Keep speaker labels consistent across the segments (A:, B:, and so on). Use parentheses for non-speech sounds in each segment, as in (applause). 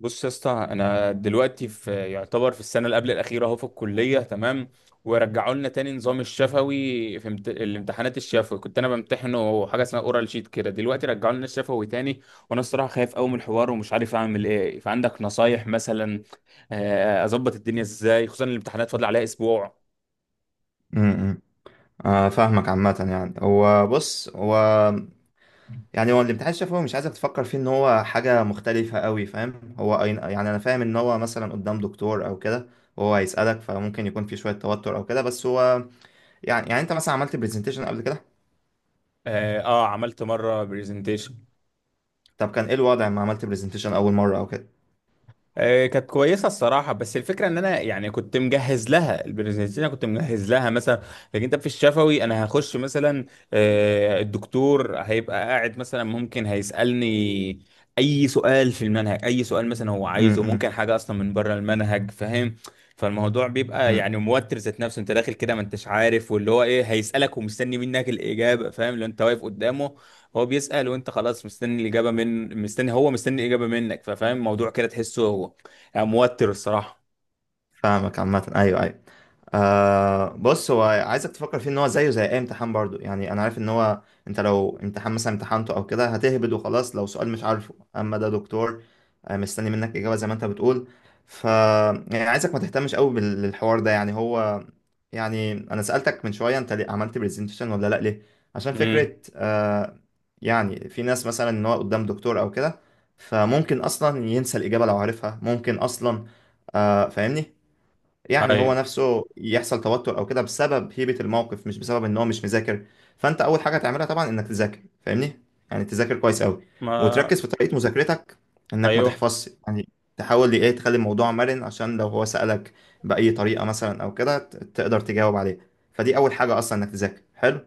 A: بص يا اسطى، انا دلوقتي في، يعتبر في السنه اللي قبل الاخيره اهو في الكليه. تمام، ورجعوا لنا تاني نظام الشفوي. في الامتحانات الشفوي كنت انا بمتحنه حاجه اسمها اورال شيت كده. دلوقتي رجعوا لنا الشفوي تاني، وانا الصراحه خايف قوي من الحوار ومش عارف اعمل ايه. فعندك نصايح مثلا، اظبط الدنيا ازاي؟ خصوصا الامتحانات فاضل عليها اسبوع.
B: امم آه، فاهمك. عامة يعني هو بص، هو الامتحان الشفوي مش عايزك تفكر فيه ان هو حاجة مختلفة قوي. فاهم هو يعني انا فاهم ان هو مثلا قدام دكتور او كده. وهو هيسألك، فممكن يكون في شوية توتر او كده. بس هو يعني انت مثلا عملت برزنتيشن قبل كده؟
A: اه عملت مره برزنتيشن.
B: طب كان ايه الوضع لما عملت برزنتيشن اول مرة او كده؟
A: كانت كويسه الصراحه، بس الفكره ان انا يعني كنت مجهز لها البرزنتيشن، كنت مجهز لها مثلا. لكن انت في الشفوي انا هخش مثلا، الدكتور هيبقى قاعد مثلا ممكن هيسالني اي سؤال في المنهج، اي سؤال مثلا هو عايزه،
B: امم
A: ممكن حاجه اصلا من بره المنهج، فاهم؟ فالموضوع بيبقى يعني موتر ذات نفسه. انت داخل كده ما انتش عارف واللي هو ايه هيسالك ومستني منك الاجابه، فاهم؟ لو انت واقف قدامه هو بيسأل وانت خلاص مستني الإجابة من، مستني، هو مستني الإجابة منك. ففاهم الموضوع كده، تحسه هو يعني موتر الصراحة.
B: فاهمك. عامة ايوه، ايوه. آه، بص هو عايزك تفكر فيه ان هو زيه زي اي امتحان. برضو يعني انا عارف ان هو انت لو امتحان مثلا امتحنته او كده هتهبد وخلاص. لو سؤال مش عارفه، اما ده دكتور آه مستني منك اجابة زي ما انت بتقول. ف يعني عايزك ما تهتمش قوي بالحوار ده، يعني هو يعني انا سألتك من شوية، انت ليه عملت برزنتيشن ولا لا؟ ليه؟ عشان
A: امم،
B: فكرة آه، يعني في ناس مثلا ان هو قدام دكتور او كده، فممكن اصلا ينسى الاجابة لو عارفها، ممكن اصلا. آه، فاهمني. يعني هو
A: ايوه
B: نفسه يحصل توتر او كده بسبب هيبة الموقف، مش بسبب ان هو مش مذاكر. فانت اول حاجة تعملها طبعا انك تذاكر، فاهمني. يعني تذاكر كويس قوي،
A: ما
B: وتركز في طريقة مذاكرتك، انك ما
A: ايوه.
B: تحفظش يعني. تحاول ايه تخلي الموضوع مرن، عشان لو هو سألك بأي طريقة مثلا او كده تقدر تجاوب عليه. فدي اول حاجة، اصلا انك تذاكر حلو.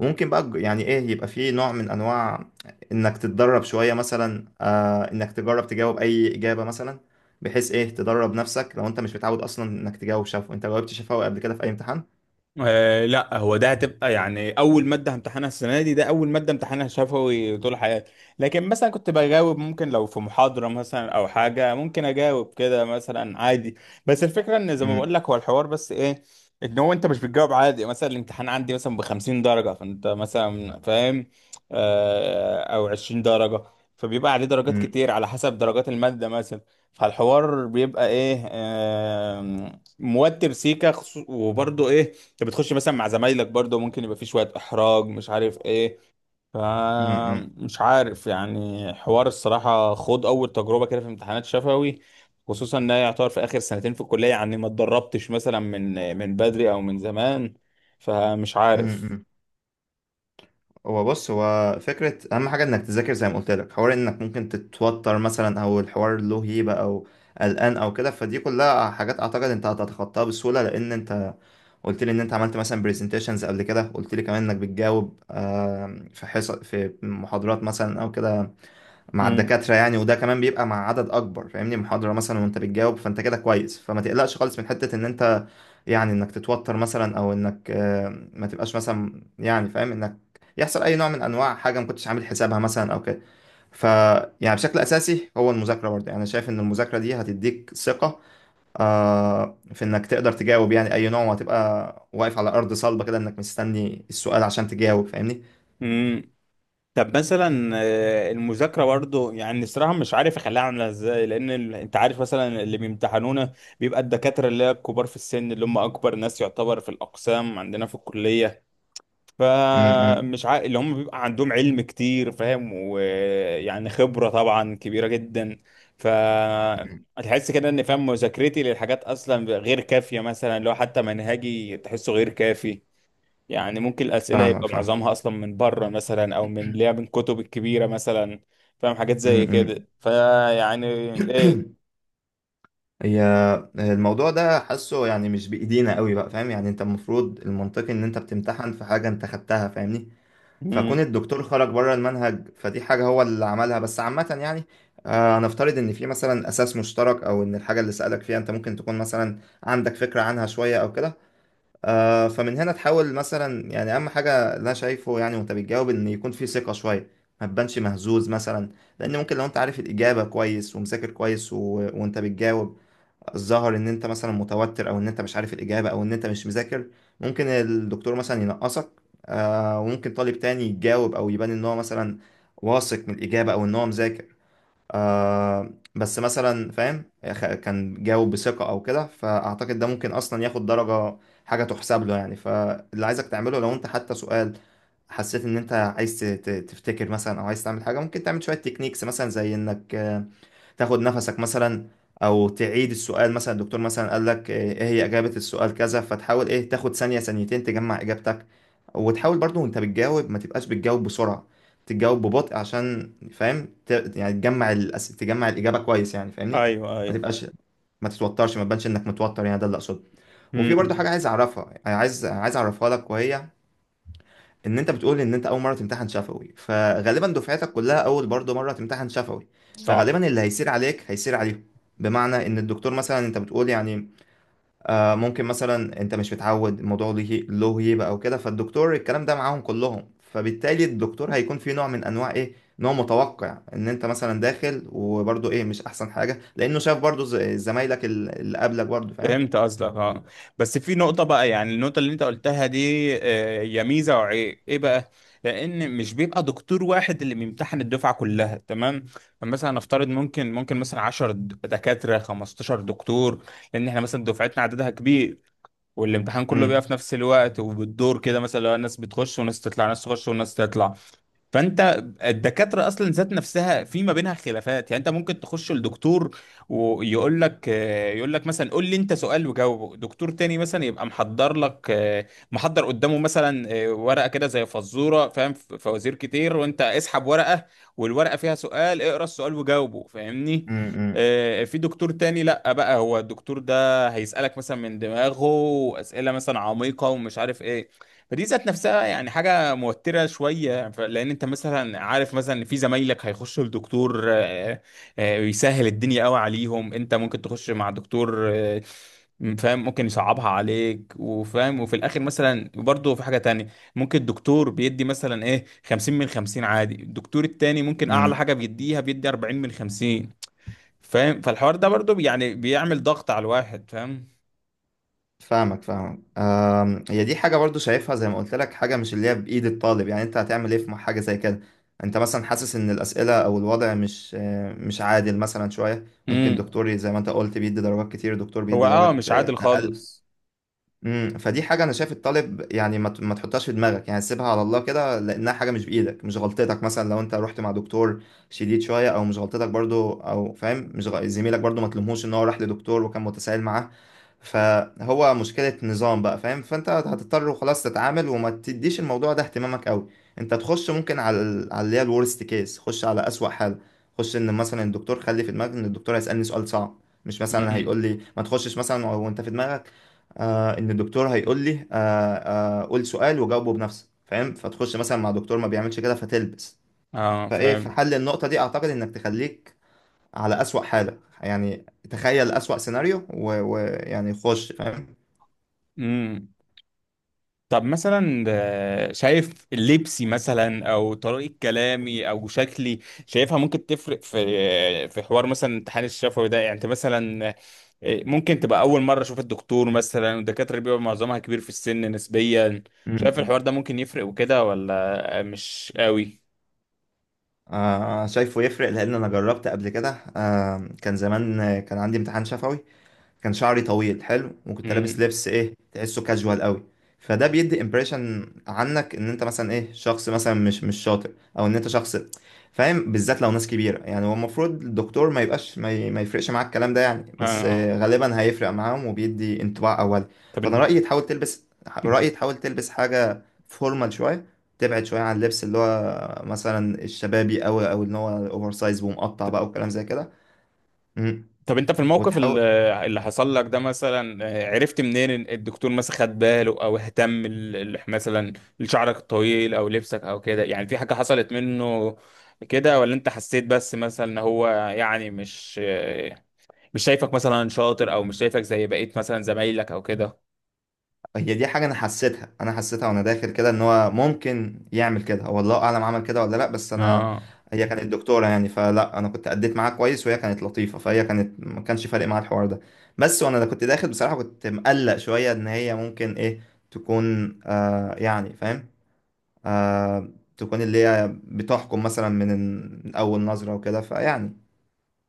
B: وممكن بقى يعني ايه، يبقى فيه نوع من انواع انك تتدرب شوية مثلا. آه، انك تجرب تجاوب اي اجابة مثلا، بحيث ايه تدرب نفسك. لو انت مش متعود اصلا انك تجاوب شفوي، انت جاوبت شفوي قبل كده في اي امتحان؟
A: آه لا، هو ده هتبقى يعني اول ماده همتحنها السنه دي، ده اول ماده امتحانها شفوي طول حياتي. لكن مثلا كنت بجاوب ممكن لو في محاضره مثلا او حاجه، ممكن اجاوب كده مثلا عادي. بس الفكره ان زي ما بقول
B: امم
A: لك هو الحوار بس ايه، ان هو انت مش بتجاوب عادي. مثلا الامتحان عندي مثلا ب 50 درجه، فانت مثلا فاهم، آه او 20 درجه. فبيبقى عليه درجات كتير على حسب درجات الماده مثلا. فالحوار بيبقى ايه، موتر سيكا وبرضه ايه، انت بتخش مثلا مع زمايلك، برضه ممكن يبقى فيه شوية احراج، مش عارف ايه. ف،
B: امم
A: مش عارف. يعني حوار الصراحة، خد اول تجربة كده في امتحانات شفوي، خصوصا ان هي يعتبر في اخر سنتين في الكلية، يعني ما اتدربتش مثلا من بدري او من زمان. فمش عارف.
B: امم هو بص، هو فكرة أهم حاجة إنك تذاكر زي ما قلت لك. حوار إنك ممكن تتوتر مثلا، أو الحوار له هيبة، أو قلقان أو كده، فدي كلها حاجات أعتقد أنت هتتخطاها بسهولة، لأن أنت قلت لي إن أنت عملت مثلا برزنتيشنز قبل كده، قلت لي كمان إنك بتجاوب في حصص، في محاضرات مثلا أو كده مع الدكاترة يعني. وده كمان بيبقى مع عدد أكبر، فاهمني؟ محاضرة مثلا وأنت بتجاوب، فأنت كده كويس. فما تقلقش خالص من حتة إن أنت يعني إنك تتوتر مثلا، أو إنك ما تبقاش مثلا، يعني فاهم إنك يحصل أي نوع من أنواع حاجة ما كنتش عامل حسابها مثلا أو كده. ف يعني بشكل أساسي هو المذاكرة برضه. يعني أنا شايف إن المذاكرة دي هتديك ثقة، آه، في إنك تقدر تجاوب يعني أي نوع، وهتبقى واقف على أرض صلبة كده، إنك مستني السؤال عشان تجاوب، فاهمني.
A: امم. طب مثلا المذاكرة برضو يعني الصراحة مش عارف اخليها عاملة ازاي، لان انت عارف مثلا اللي بيمتحنونا بيبقى الدكاترة اللي هي الكبار في السن، اللي هم اكبر ناس يعتبر في الاقسام عندنا في الكلية.
B: م- م-
A: فمش عارف، اللي هم بيبقى عندهم علم كتير، فاهم؟ ويعني خبرة طبعا كبيرة جدا. ف،
B: م.
A: تحس كده ان، فاهم، مذاكرتي للحاجات اصلا غير كافية، مثلا لو حتى منهجي تحسه غير كافي. يعني ممكن الأسئلة
B: فاهمك،
A: يبقى
B: فاهم.
A: معظمها أصلا من بره مثلا أو من اللي هي من الكتب الكبيرة مثلا، فاهم؟ حاجات
B: م-
A: زي
B: م.
A: كده. فيعني، إيه.
B: (clears throat) هي الموضوع ده حاسه يعني مش بإيدينا قوي بقى، فاهم. يعني انت المفروض المنطقي ان انت بتمتحن في حاجة انت خدتها، فاهمني. فكون
A: مم.
B: الدكتور خرج بره المنهج فدي حاجة هو اللي عملها. بس عامة يعني آه، نفترض ان في مثلا اساس مشترك، او ان الحاجة اللي سألك فيها انت ممكن تكون مثلا عندك فكرة عنها شوية او كده. آه، فمن هنا تحاول مثلا. يعني اهم حاجة اللي انا شايفه، يعني وانت بتجاوب ان يكون في ثقة شوية، ما تبانش مهزوز مثلا. لان ممكن لو انت عارف الإجابة كويس ومذاكر كويس وانت بتجاوب ظهر ان انت مثلا متوتر، او ان انت مش عارف الاجابه، او ان انت مش مذاكر، ممكن الدكتور مثلا ينقصك. آه، وممكن طالب تاني يتجاوب او يبان ان هو مثلا واثق من الاجابه او ان هو مذاكر، آه، بس مثلا فاهم كان جاوب بثقه او كده، فاعتقد ده ممكن اصلا ياخد درجه، حاجه تحسب له يعني. فاللي عايزك تعمله، لو انت حتى سؤال حسيت ان انت عايز تفتكر مثلا، او عايز تعمل حاجه، ممكن تعمل شويه تكنيكس مثلا، زي انك تاخد نفسك مثلا، او تعيد السؤال. مثلا الدكتور مثلا قال لك آه، ايه هي اجابة السؤال كذا، فتحاول ايه تاخد ثانية ثانيتين تجمع اجابتك. وتحاول برضو وانت بتجاوب ما تبقاش بتجاوب بسرعة، تجاوب ببطء عشان فاهم يعني تجمع تجمع الإجابة كويس يعني، فاهمني.
A: أيوه
B: ما
A: أيوه.
B: تبقاش، ما تتوترش، ما تبانش انك متوتر يعني، ده اللي اقصده. وفي برضو
A: مم.
B: حاجة عايز اعرفها، يعني عايز اعرفها لك، وهي ان انت بتقول ان انت اول مره تمتحن شفوي، فغالبا دفعتك كلها اول برضه مره تمتحن شفوي،
A: صح.
B: فغالبا اللي هيسير عليك هيسير عليهم. بمعنى ان الدكتور مثلا، انت بتقول يعني آه ممكن مثلا انت مش متعود الموضوع، له هيبه او كده. فالدكتور الكلام ده معاهم كلهم، فبالتالي الدكتور هيكون في نوع من انواع، ايه، نوع متوقع ان انت مثلا داخل، وبرضه ايه مش احسن حاجه لانه شاف برضه زمايلك اللي قبلك برضه، فاهم.
A: فهمت قصدك اه. بس في نقطة بقى، يعني النقطة اللي أنت قلتها دي، هي ميزة وعيب إيه بقى؟ لأن مش بيبقى دكتور واحد اللي بيمتحن الدفعة كلها، تمام؟ فمثلا نفترض ممكن، ممكن مثلا 10 دكاترة، 15 دكتور، لأن إحنا مثلا دفعتنا عددها كبير. والامتحان كله
B: امم
A: بيبقى في نفس الوقت وبالدور كده. مثلا لو ناس بتخش وناس تطلع، ناس تخش وناس تطلع. فانت الدكاتره اصلا ذات نفسها في ما بينها خلافات، يعني انت ممكن تخش لدكتور ويقول لك، يقول لك مثلا قول لي انت سؤال وجاوبه. دكتور تاني مثلا يبقى محضر لك، محضر قدامه مثلا، ورقه كده زي فزوره، فاهم؟ فوازير كتير، وانت اسحب ورقه والورقه فيها سؤال، اقرا السؤال وجاوبه، فاهمني؟
B: امم امم،
A: في دكتور تاني لا بقى، هو الدكتور ده هيسألك مثلا من دماغه اسئله مثلا عميقه ومش عارف ايه. فدي ذات نفسها يعني حاجة موترة شوية. لأن أنت مثلا عارف مثلا إن في زمايلك هيخشوا لدكتور يسهل الدنيا قوي عليهم. أنت ممكن تخش مع دكتور فاهم، ممكن يصعبها عليك وفاهم. وفي الآخر مثلا برضه في حاجة تانية، ممكن الدكتور بيدي مثلا إيه 50 من 50 عادي، الدكتور التاني ممكن أعلى
B: امم.
A: حاجة بيديها بيدي 40 من 50، فاهم؟ فالحوار ده برضه يعني بيعمل ضغط على الواحد، فاهم؟
B: فاهمك. هي دي حاجة برضو شايفها زي ما قلت لك، حاجة مش اللي هي بإيد الطالب. يعني انت هتعمل ايه في حاجة زي كده؟ انت مثلا حاسس ان الأسئلة او الوضع مش مش عادل مثلا شوية. ممكن
A: امم.
B: دكتور زي ما انت قلت بيدي درجات كتير، دكتور
A: هو
B: بيدي
A: اه
B: درجات
A: مش
B: آه،
A: عادل
B: أقل.
A: خالص.
B: فدي حاجة أنا شايف الطالب يعني ما تحطهاش في دماغك، يعني سيبها على الله كده، لأنها حاجة مش بإيدك. مش غلطتك مثلا لو أنت رحت مع دكتور شديد شوية، أو مش غلطتك برضو، أو فاهم مش غ... زميلك برضو ما تلومهوش إن هو راح لدكتور وكان متسائل معاه. فهو مشكلة نظام بقى، فاهم. فأنت هتضطر خلاص تتعامل، وما تديش الموضوع ده اهتمامك أوي. أنت تخش ممكن على على اللي هي الورست كيس، خش على أسوأ حالة. خش إن مثلا الدكتور، خلي في دماغك إن الدكتور هيسألني سؤال صعب، مش مثلا
A: امم.
B: هيقول لي ما تخشش. مثلا وانت في دماغك آه ان الدكتور هيقول لي، آه، قول سؤال وجاوبه بنفسك، فاهم، فتخش مثلا مع دكتور ما بيعملش كده فتلبس.
A: اه
B: فايه في
A: فاهم.
B: حل النقطة دي، اعتقد انك تخليك على أسوأ حالة، يعني تخيل أسوأ سيناريو ويعني خش، فاهم.
A: امم. طب مثلا شايف لبسي مثلا او طريقة كلامي او شكلي، شايفها ممكن تفرق في، في حوار مثلا الامتحان الشفوي ده؟ يعني انت مثلا ممكن تبقى اول مرة اشوف الدكتور مثلا، والدكاترة بيبقى معظمها كبير في السن نسبيا. شايف
B: مم.
A: الحوار ده ممكن يفرق وكده ولا مش قوي؟
B: آه شايفه يفرق لأن أنا جربت قبل كده. آه كان زمان، كان عندي امتحان شفوي، كان شعري طويل حلو، وكنت لابس
A: امم.
B: لبس ايه تحسه كاجوال قوي. فده بيدي امبريشن عنك ان انت مثلا ايه شخص مثلا مش شاطر، او ان انت شخص فاهم، بالذات لو ناس كبيره. يعني هو المفروض الدكتور ما يبقاش ما يفرقش معاك الكلام ده يعني، بس
A: آه.
B: آه، غالبا هيفرق معاهم وبيدي انطباع اولي.
A: طب
B: فانا
A: انت
B: رايي تحاول تلبس، رايي
A: (laughs)
B: تحاول تلبس حاجه فورمال شويه، تبعد شويه عن اللبس اللي هو مثلا الشبابي قوي، او ان هو اوفر سايز ومقطع بقى وكلام زي كده. مم.
A: طب انت في الموقف
B: وتحاول.
A: اللي حصل لك ده مثلا، عرفت منين ان الدكتور مثلا خد باله او اهتم مثلا لشعرك الطويل او لبسك او كده؟ يعني في حاجة حصلت منه كده، ولا انت حسيت بس مثلا ان هو يعني مش مش شايفك مثلا شاطر او مش شايفك زي بقية مثلا زمايلك او كده؟
B: هي دي حاجة أنا حسيتها، وأنا داخل كده، إن هو ممكن يعمل كده. هو الله أعلم عمل كده ولا لأ، بس أنا
A: اه.
B: هي كانت دكتورة يعني، فلا أنا كنت أديت معاها كويس، وهي كانت لطيفة، فهي كانت ما كانش فارق معاها الحوار ده. بس وأنا كنت داخل بصراحة كنت مقلق شوية إن هي ممكن إيه تكون، آه يعني فاهم، آه تكون اللي هي بتحكم مثلا من أول نظرة وكده، فيعني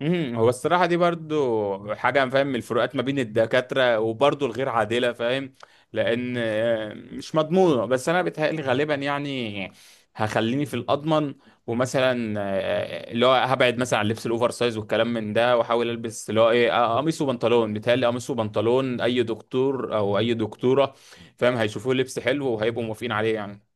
A: امم. هو الصراحة دي برضو حاجة، فاهم، من الفروقات ما بين الدكاترة، وبرضو الغير عادلة، فاهم؟ لأن مش مضمونة، بس أنا بتهيألي غالبا يعني هخليني في الأضمن. ومثلا اللي هو هبعد مثلا عن لبس الأوفر سايز والكلام من ده، وأحاول ألبس اللي هو إيه، قميص وبنطلون. بيتهيألي قميص وبنطلون أي دكتور أو أي دكتورة، فاهم، هيشوفوه لبس حلو وهيبقوا موافقين عليه يعني.